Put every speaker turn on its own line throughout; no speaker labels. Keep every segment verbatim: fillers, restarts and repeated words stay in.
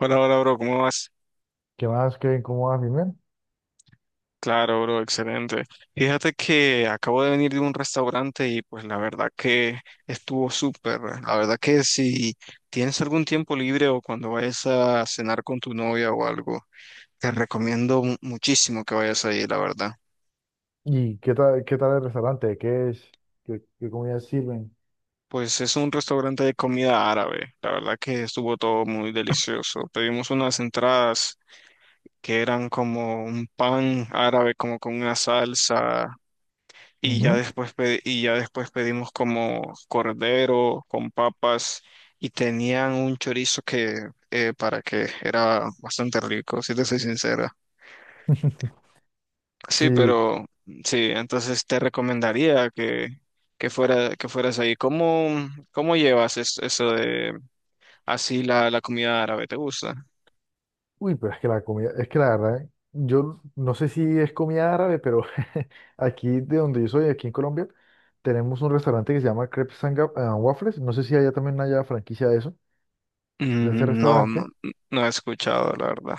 Hola, hola, bro, ¿cómo vas?
¿Qué más, Kevin? ¿Cómo vas, mi men?
Claro, bro, excelente. Fíjate que acabo de venir de un restaurante y pues la verdad que estuvo súper. La verdad que si tienes algún tiempo libre o cuando vayas a cenar con tu novia o algo, te recomiendo mu- muchísimo que vayas ahí, la verdad.
¿Y qué tal, qué tal el restaurante? ¿Qué es? ¿Qué, qué comidas sirven?
Pues es un restaurante de comida árabe. La verdad que estuvo todo muy delicioso. Pedimos unas entradas que eran como un pan árabe, como con una salsa. Y ya
Ujú.
después, pe- y ya después pedimos como cordero con papas y tenían un chorizo que eh, para que era bastante rico, si te soy sincera. Sí,
Sí.
pero sí, entonces te recomendaría que, que fuera, que fueras ahí. ¿Cómo, ¿cómo llevas es- eso de así la, la comida árabe? ¿Te gusta?
Uy, pero es que la comida, es que la verdad, eh, yo no sé si es comida árabe, pero aquí de donde yo soy, aquí en Colombia, tenemos un restaurante que se llama Crepes and Ga- and Waffles. No sé si allá también haya franquicia de eso, de ese
Mm. No, no,
restaurante.
no he escuchado, la verdad.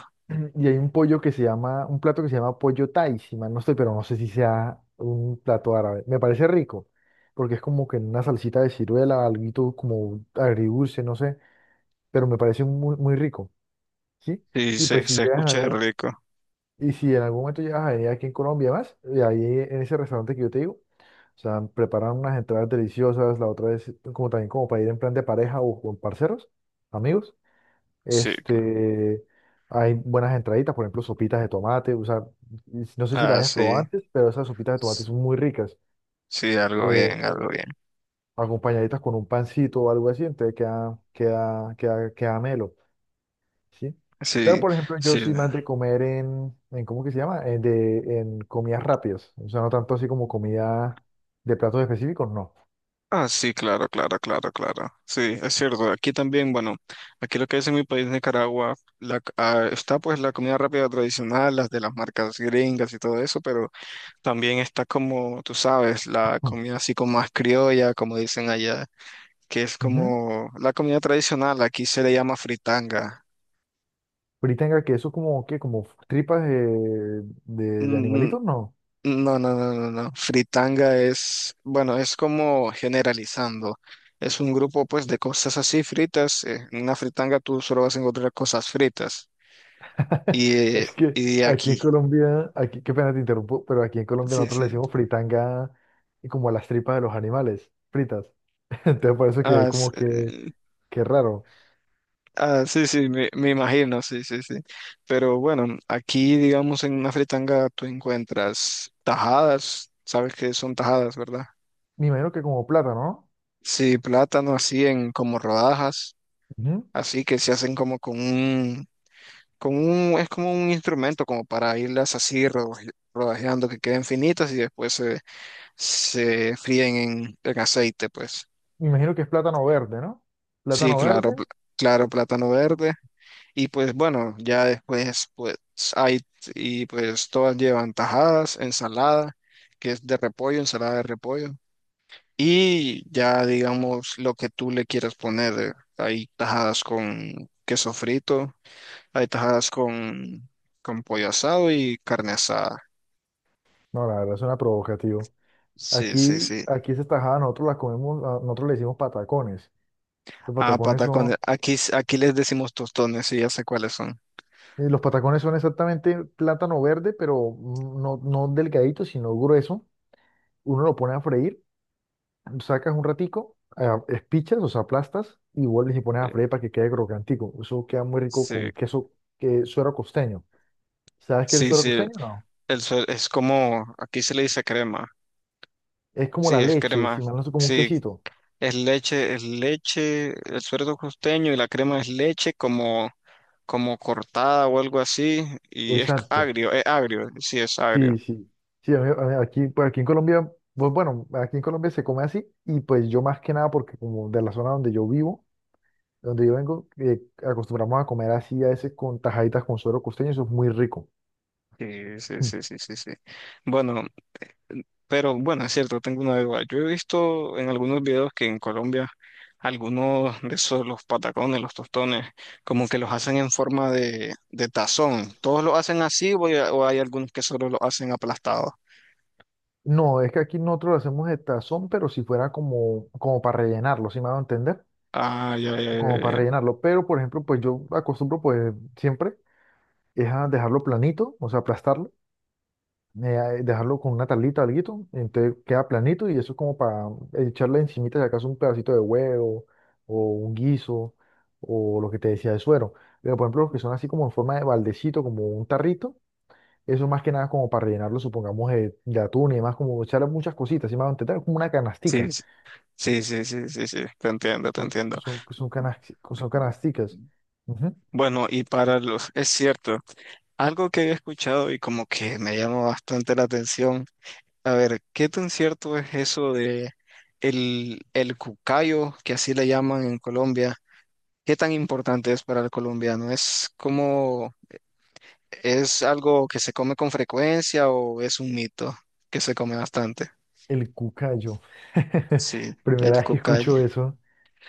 Y hay un pollo que se llama, un plato que se llama pollo thai, si mal no estoy, pero no sé si sea un plato árabe. Me parece rico, porque es como que en una salsita de ciruela, algo como agridulce, no sé, pero me parece muy, muy rico, ¿sí?
Sí,
Y pues
se,
si
se
llegas en
escucha
algún,
rico.
y si en algún momento llegas a venir aquí en Colombia más, y ahí en ese restaurante que yo te digo, o sea, preparan unas entradas deliciosas, la otra es como también como para ir en plan de pareja o con parceros, amigos.
Sí,
Este, hay buenas entraditas, por ejemplo, sopitas de tomate. O sea, no sé si las
ah,
hayas probado
sí.
antes, pero esas sopitas de tomate son muy ricas.
Sí, algo
eh,
bien, algo bien.
Acompañaditas con un pancito o algo así, entonces queda, queda, queda, queda melo, ¿sí? Pero,
Sí,
por ejemplo, yo
sí.
soy más de comer en, en ¿cómo que se llama? En, de, en comidas rápidas. O sea, no tanto así como comida de platos específicos, no.
Ah, sí, claro, claro, claro, claro. Sí, es cierto. Aquí también, bueno, aquí lo que es en mi país, Nicaragua, la, ah, está pues la comida rápida tradicional, las de las marcas gringas y todo eso, pero también está como, tú sabes, la
Mm.
comida así como más criolla, como dicen allá, que es
Ujú.
como la comida tradicional. Aquí se le llama fritanga.
Fritanga, que eso como, qué como tripas de, de, de
Mm.
animalitos, no.
No, no, no, no, no. Fritanga es, bueno, es como generalizando. Es un grupo pues de cosas así fritas. eh, En una fritanga tú solo vas a encontrar cosas fritas. Y, eh,
Es que
y
aquí en
aquí.
Colombia, aquí, qué pena te interrumpo, pero aquí en Colombia
Sí,
nosotros le
sí.
decimos fritanga como a las tripas de los animales, fritas. Entonces por eso que
Ah, sí,
como que,
eh,
que raro.
ah, sí, sí, me, me imagino, sí, sí, sí. Pero bueno, aquí digamos en una fritanga tú encuentras tajadas. Sabes que son tajadas, ¿verdad?
Me imagino que como plátano,
Sí, plátano así en como rodajas,
¿no? Ujú.
así que se hacen como con un, con un, es como un instrumento como para irlas así rodaje- rodajeando que queden finitas y después se, se fríen en, en aceite, pues.
Me imagino que es plátano verde, ¿no?
Sí,
Plátano
claro,
verde,
pl- claro, plátano verde. Y pues bueno, ya después pues hay, y pues todas llevan tajadas, ensalada, que es de repollo, ensalada de repollo. Y ya digamos lo que tú le quieras poner. eh, Hay tajadas con queso frito, hay tajadas con, con pollo asado y carne asada.
no, la verdad suena provocativo.
Sí, sí,
Aquí,
sí.
aquí esa tajada nosotros la comemos, a- nosotros le decimos patacones. Los
Ah,
patacones son,
patacones. Aquí, s- aquí les decimos tostones y ya sé cuáles son.
eh, los patacones son exactamente plátano verde, pero mm, no, no delgadito, sino grueso. Uno lo pone a freír, sacas un ratico, ah, espichas, o sea, aplastas y vuelves y pones a freír para que quede crocantico. Eso queda muy rico
Sí,
con queso, que suero costeño. ¿Sabes qué es el
sí,
suero
sí. Sí.
costeño? No.
El suel- es como, aquí se le dice crema.
Es como
Sí,
la
es
leche,
crema.
si mal no sé, como un
Sí,
quesito.
es leche, es leche, el suero costeño y la crema es leche como, como cortada o algo así. Y es
Exacto.
agrio, es agrio, sí, es
Sí,
agrio.
sí. Sí, a mí- a mí aquí, pues aquí en Colombia, pues bueno, aquí en Colombia se come así y pues yo más que nada porque como de la zona donde yo vivo, donde yo vengo, eh, acostumbramos a comer así a veces con tajaditas con suero costeño, eso es muy rico.
Sí, sí, sí, sí, sí, sí. Bueno, mm, pero bueno, es cierto, tengo una duda. Yo he visto en algunos videos que en Colombia algunos de esos, los patacones, los tostones, como que los hacen en forma de, de tazón. ¿Todos lo hacen así o hay, o hay algunos que solo lo hacen aplastado?
No, es que aquí nosotros lo hacemos de tazón, pero si fuera como, como para rellenarlo, ¿si me van a entender?
Ah, ya, ya, ya,
Como
ya,
para
ya.
rellenarlo. Pero, por ejemplo, pues yo acostumbro, pues siempre, es a dejarlo planito, o sea, aplastarlo, eh, dejarlo con una tablita o alguito, entonces queda planito y eso es como para echarle encimita, si acaso, un pedacito de huevo o un guiso o lo que te decía de suero. Pero, por ejemplo, los que son así como en forma de baldecito, como un tarrito, eso más que nada como para rellenarlo, supongamos, eh, de atún y demás, como echarle muchas cositas, ¿si me van a entender? Como una
Sí,
canastica.
sí, sí, sí, sí, sí, sí, te entiendo, te
Son,
entiendo.
son, son, canas- Son canasticas. Ujú.
Bueno, y para los, es cierto, algo que he escuchado y como que me llama bastante la atención. A ver, ¿qué tan cierto es eso de el, el cucayo, que así le llaman en Colombia? ¿Qué tan importante es para el colombiano? ¿Es como, es algo que se come con frecuencia o es un mito que se come bastante?
El cucayo.
Sí,
Primera
el
vez que
cucayo.
escucho eso.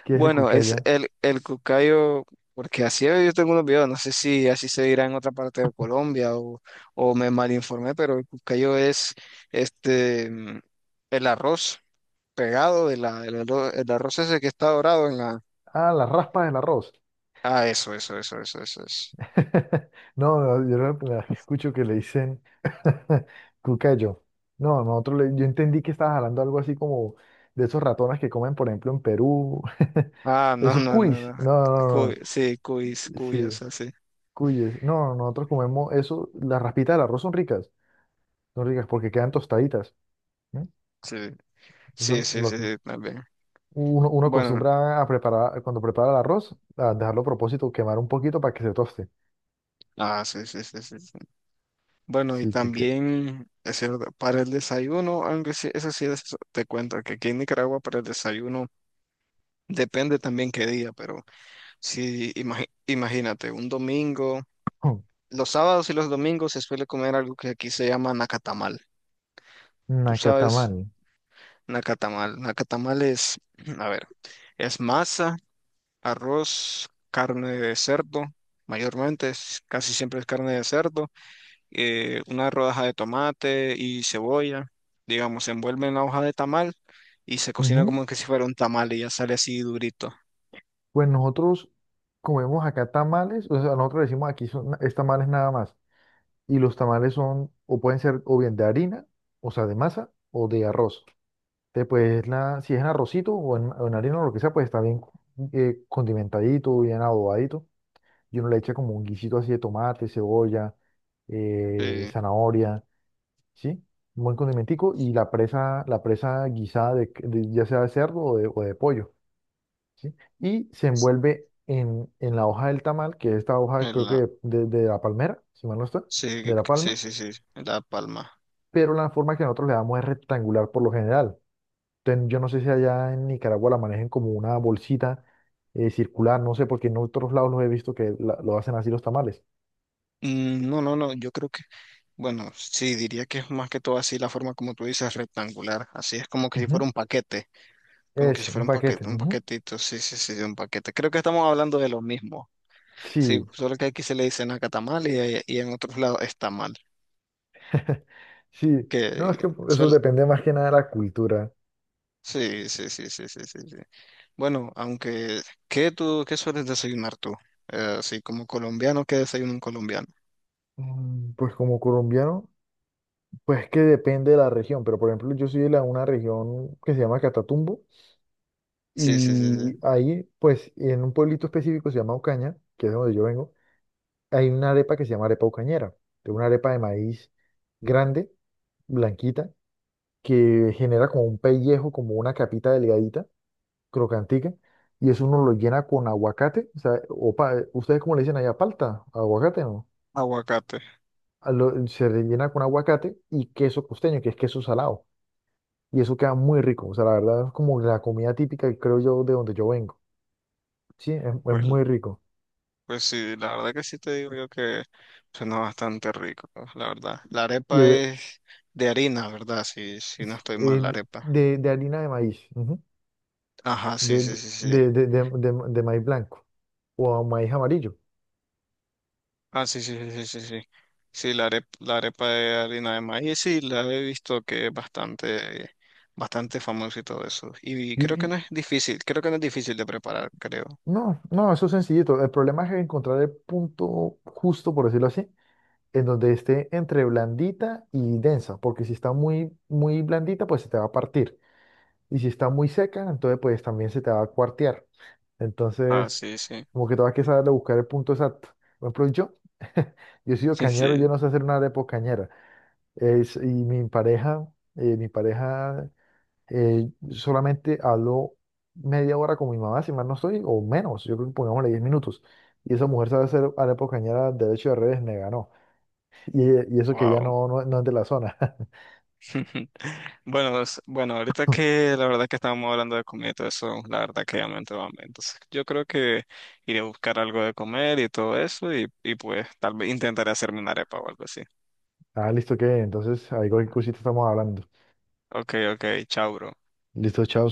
¿Qué es el
Bueno, es
cucaya?
el, el cucayo, porque así yo tengo unos videos, no sé si así se dirá en otra parte de Colombia o, o me malinformé, pero el cucayo es este, mm, el arroz pegado de la, del arro- el arroz ese que está dorado en la...
Ah, la raspa del arroz.
Ah, eso, eso, eso, eso, eso, eso.
No, no, yo la primera vez que escucho que le dicen cucayo. No, nosotros le- yo entendí que estabas hablando algo así como de esos ratones que comen, por ejemplo, en Perú.
Ah, no,
Esos
no, no,
cuis.
no.
No, no,
Cu-
no.
sí, cuis,
No. Sí,
cuyas, así.
cuyes. No, nosotros comemos eso. Las raspitas del arroz son ricas. Son ricas porque quedan tostaditas.
Sí, sí,
Eso
sí,
lo
sí,
acos-
sí, también.
Uno, uno
Bueno,
acostumbra a preparar, cuando prepara el arroz, a dejarlo a propósito, quemar un poquito para que se toste.
ah, sí, sí, sí, sí, sí. Bueno, y
Sí, que, que...
también, es cierto, para el desayuno, aunque sí, eso sí, es- te cuento que aquí en Nicaragua para el desayuno depende también qué día, pero sí, imagi- imagínate, un domingo,
Oh,
los sábados y los domingos se suele comer algo que aquí se llama nacatamal. ¿Tú
acá
sabes?
tamal.
Nacatamal. Nacatamal es, a ver, es masa, arroz, carne de cerdo, mayormente, es- casi siempre es carne de cerdo, eh, una rodaja de tomate y cebolla, digamos, se envuelve en la hoja de tamal y se cocina
Ujú.
como que si fuera un tamal y ya sale así durito.
Pues nosotros comemos acá tamales, o sea, nosotros decimos aquí son, es tamales nada más. Y los tamales son, o pueden ser o bien de harina, o sea, de masa, o de arroz. Entonces, pues, la, si es en arrocito o en, o en harina o lo que sea, pues está bien, eh, condimentadito, bien adobadito. Y uno le echa como un guisito así de tomate, cebolla, eh,
Sí,
zanahoria, ¿sí? Un buen condimentico y la presa, la presa guisada de, c- de- ya sea de cerdo o de, o de pollo, ¿sí? Y se envuelve en, en la hoja del tamal, que es esta hoja
en
creo que
la,
de, de la palmera, si mal no está,
sí,
de la
sí,
palma,
sí, sí, en La Palma.
pero la forma que nosotros le damos es rectangular por lo general. Entonces, yo no sé si allá en Nicaragua la manejen como una bolsita eh, circular, no sé, porque en otros lados los he visto que la- lo hacen así los tamales.
Mm. No, no, no, yo creo que, bueno, sí, diría que es más que todo así la forma como tú dices, rectangular, así es como que si
Ujú.
fuera un paquete. Como que si
Eso,
fuera
un
un
paquete.
paquete, un
Ujú.
paquetito, sí, sí, sí, de un paquete. Creo que estamos hablando de lo mismo. Sí,
Sí,
solo que aquí se le dicen nacatamal y, ahí- y en otros lados está mal.
sí.
Que
No, es que eso
suel,
depende más que nada de la cultura.
sí, sí, sí, sí, sí, sí, sí. Bueno, aunque, ¿qué tú, qué sueles desayunar tú? Eh, así como colombiano, ¿qué desayuna un colombiano?
Mm. Pues como colombiano, pues que depende de la región, pero por ejemplo yo soy de la- una región que se llama Catatumbo
Sí, sí, sí, sí.
y ahí, pues en un pueblito específico se llama Ocaña, que es donde yo vengo, hay una arepa que se llama arepa ocañera, que es una arepa de maíz grande, blanquita, que genera como un pellejo, como una capita delgadita crocantica, y eso uno lo llena con aguacate, o sea, o pa- ¿ustedes cómo le dicen allá? ¿Palta, aguacate, no?
Aguacate.
A lo- se rellena con aguacate y queso costeño, que es queso salado, y eso queda muy rico, o sea, la verdad es como la comida típica, que creo yo, de donde yo vengo, ¿sí? Es, es
Pues,
muy rico.
pues sí, la verdad que sí te digo yo que suena bastante rico, la verdad. La
Y
arepa
eh,
es de harina, ¿verdad? Si si no
s-
estoy mal,
eh,
la arepa.
de, de harina de maíz, ujú.
Ajá, sí,
De,
sí, sí, sí.
de, de, de, de, de maíz blanco o maíz amarillo.
Ah, sí, sí, sí, sí, sí. Sí, sí, la arepa, la arepa de harina de maíz, sí, la he visto que es bastante, bastante famoso y todo eso. Y
Y,
creo que no
y-
es difícil, creo que no es difícil de preparar, creo.
no, no, eso es sencillito. El problema es encontrar el punto justo, por decirlo así, en donde esté entre blandita y densa, porque si está muy, muy blandita, pues se te va a partir. Y si está muy seca, entonces pues también se te va a cuartear.
Ah,
Entonces,
sí, sí,
como que todavía que saber buscar el punto exacto. Por ejemplo, yo, yo he sido
sí,
cañero, yo
sí.
no sé hacer una arepa cañera. Es, y mi pareja, eh, mi pareja eh, solamente habló media hora con mi mamá, si mal no estoy, o menos, yo creo que pongámosle diez minutos. Y esa mujer sabe hacer arepa cañera derecho y al revés, me ganó. Y, y eso que ya
Wow.
no, no, no es de la zona.
Bueno, es- bueno, ahorita que la verdad que estábamos hablando de comida y todo eso, la verdad que ya me entró hambre. Entonces, yo creo que iré a buscar algo de comer y todo eso y, y pues tal vez intentaré hacerme una arepa o algo así.
Ah, listo, que entonces ahí cualquier cosita estamos hablando.
Ok, ok, chao, bro.
Listo, chao.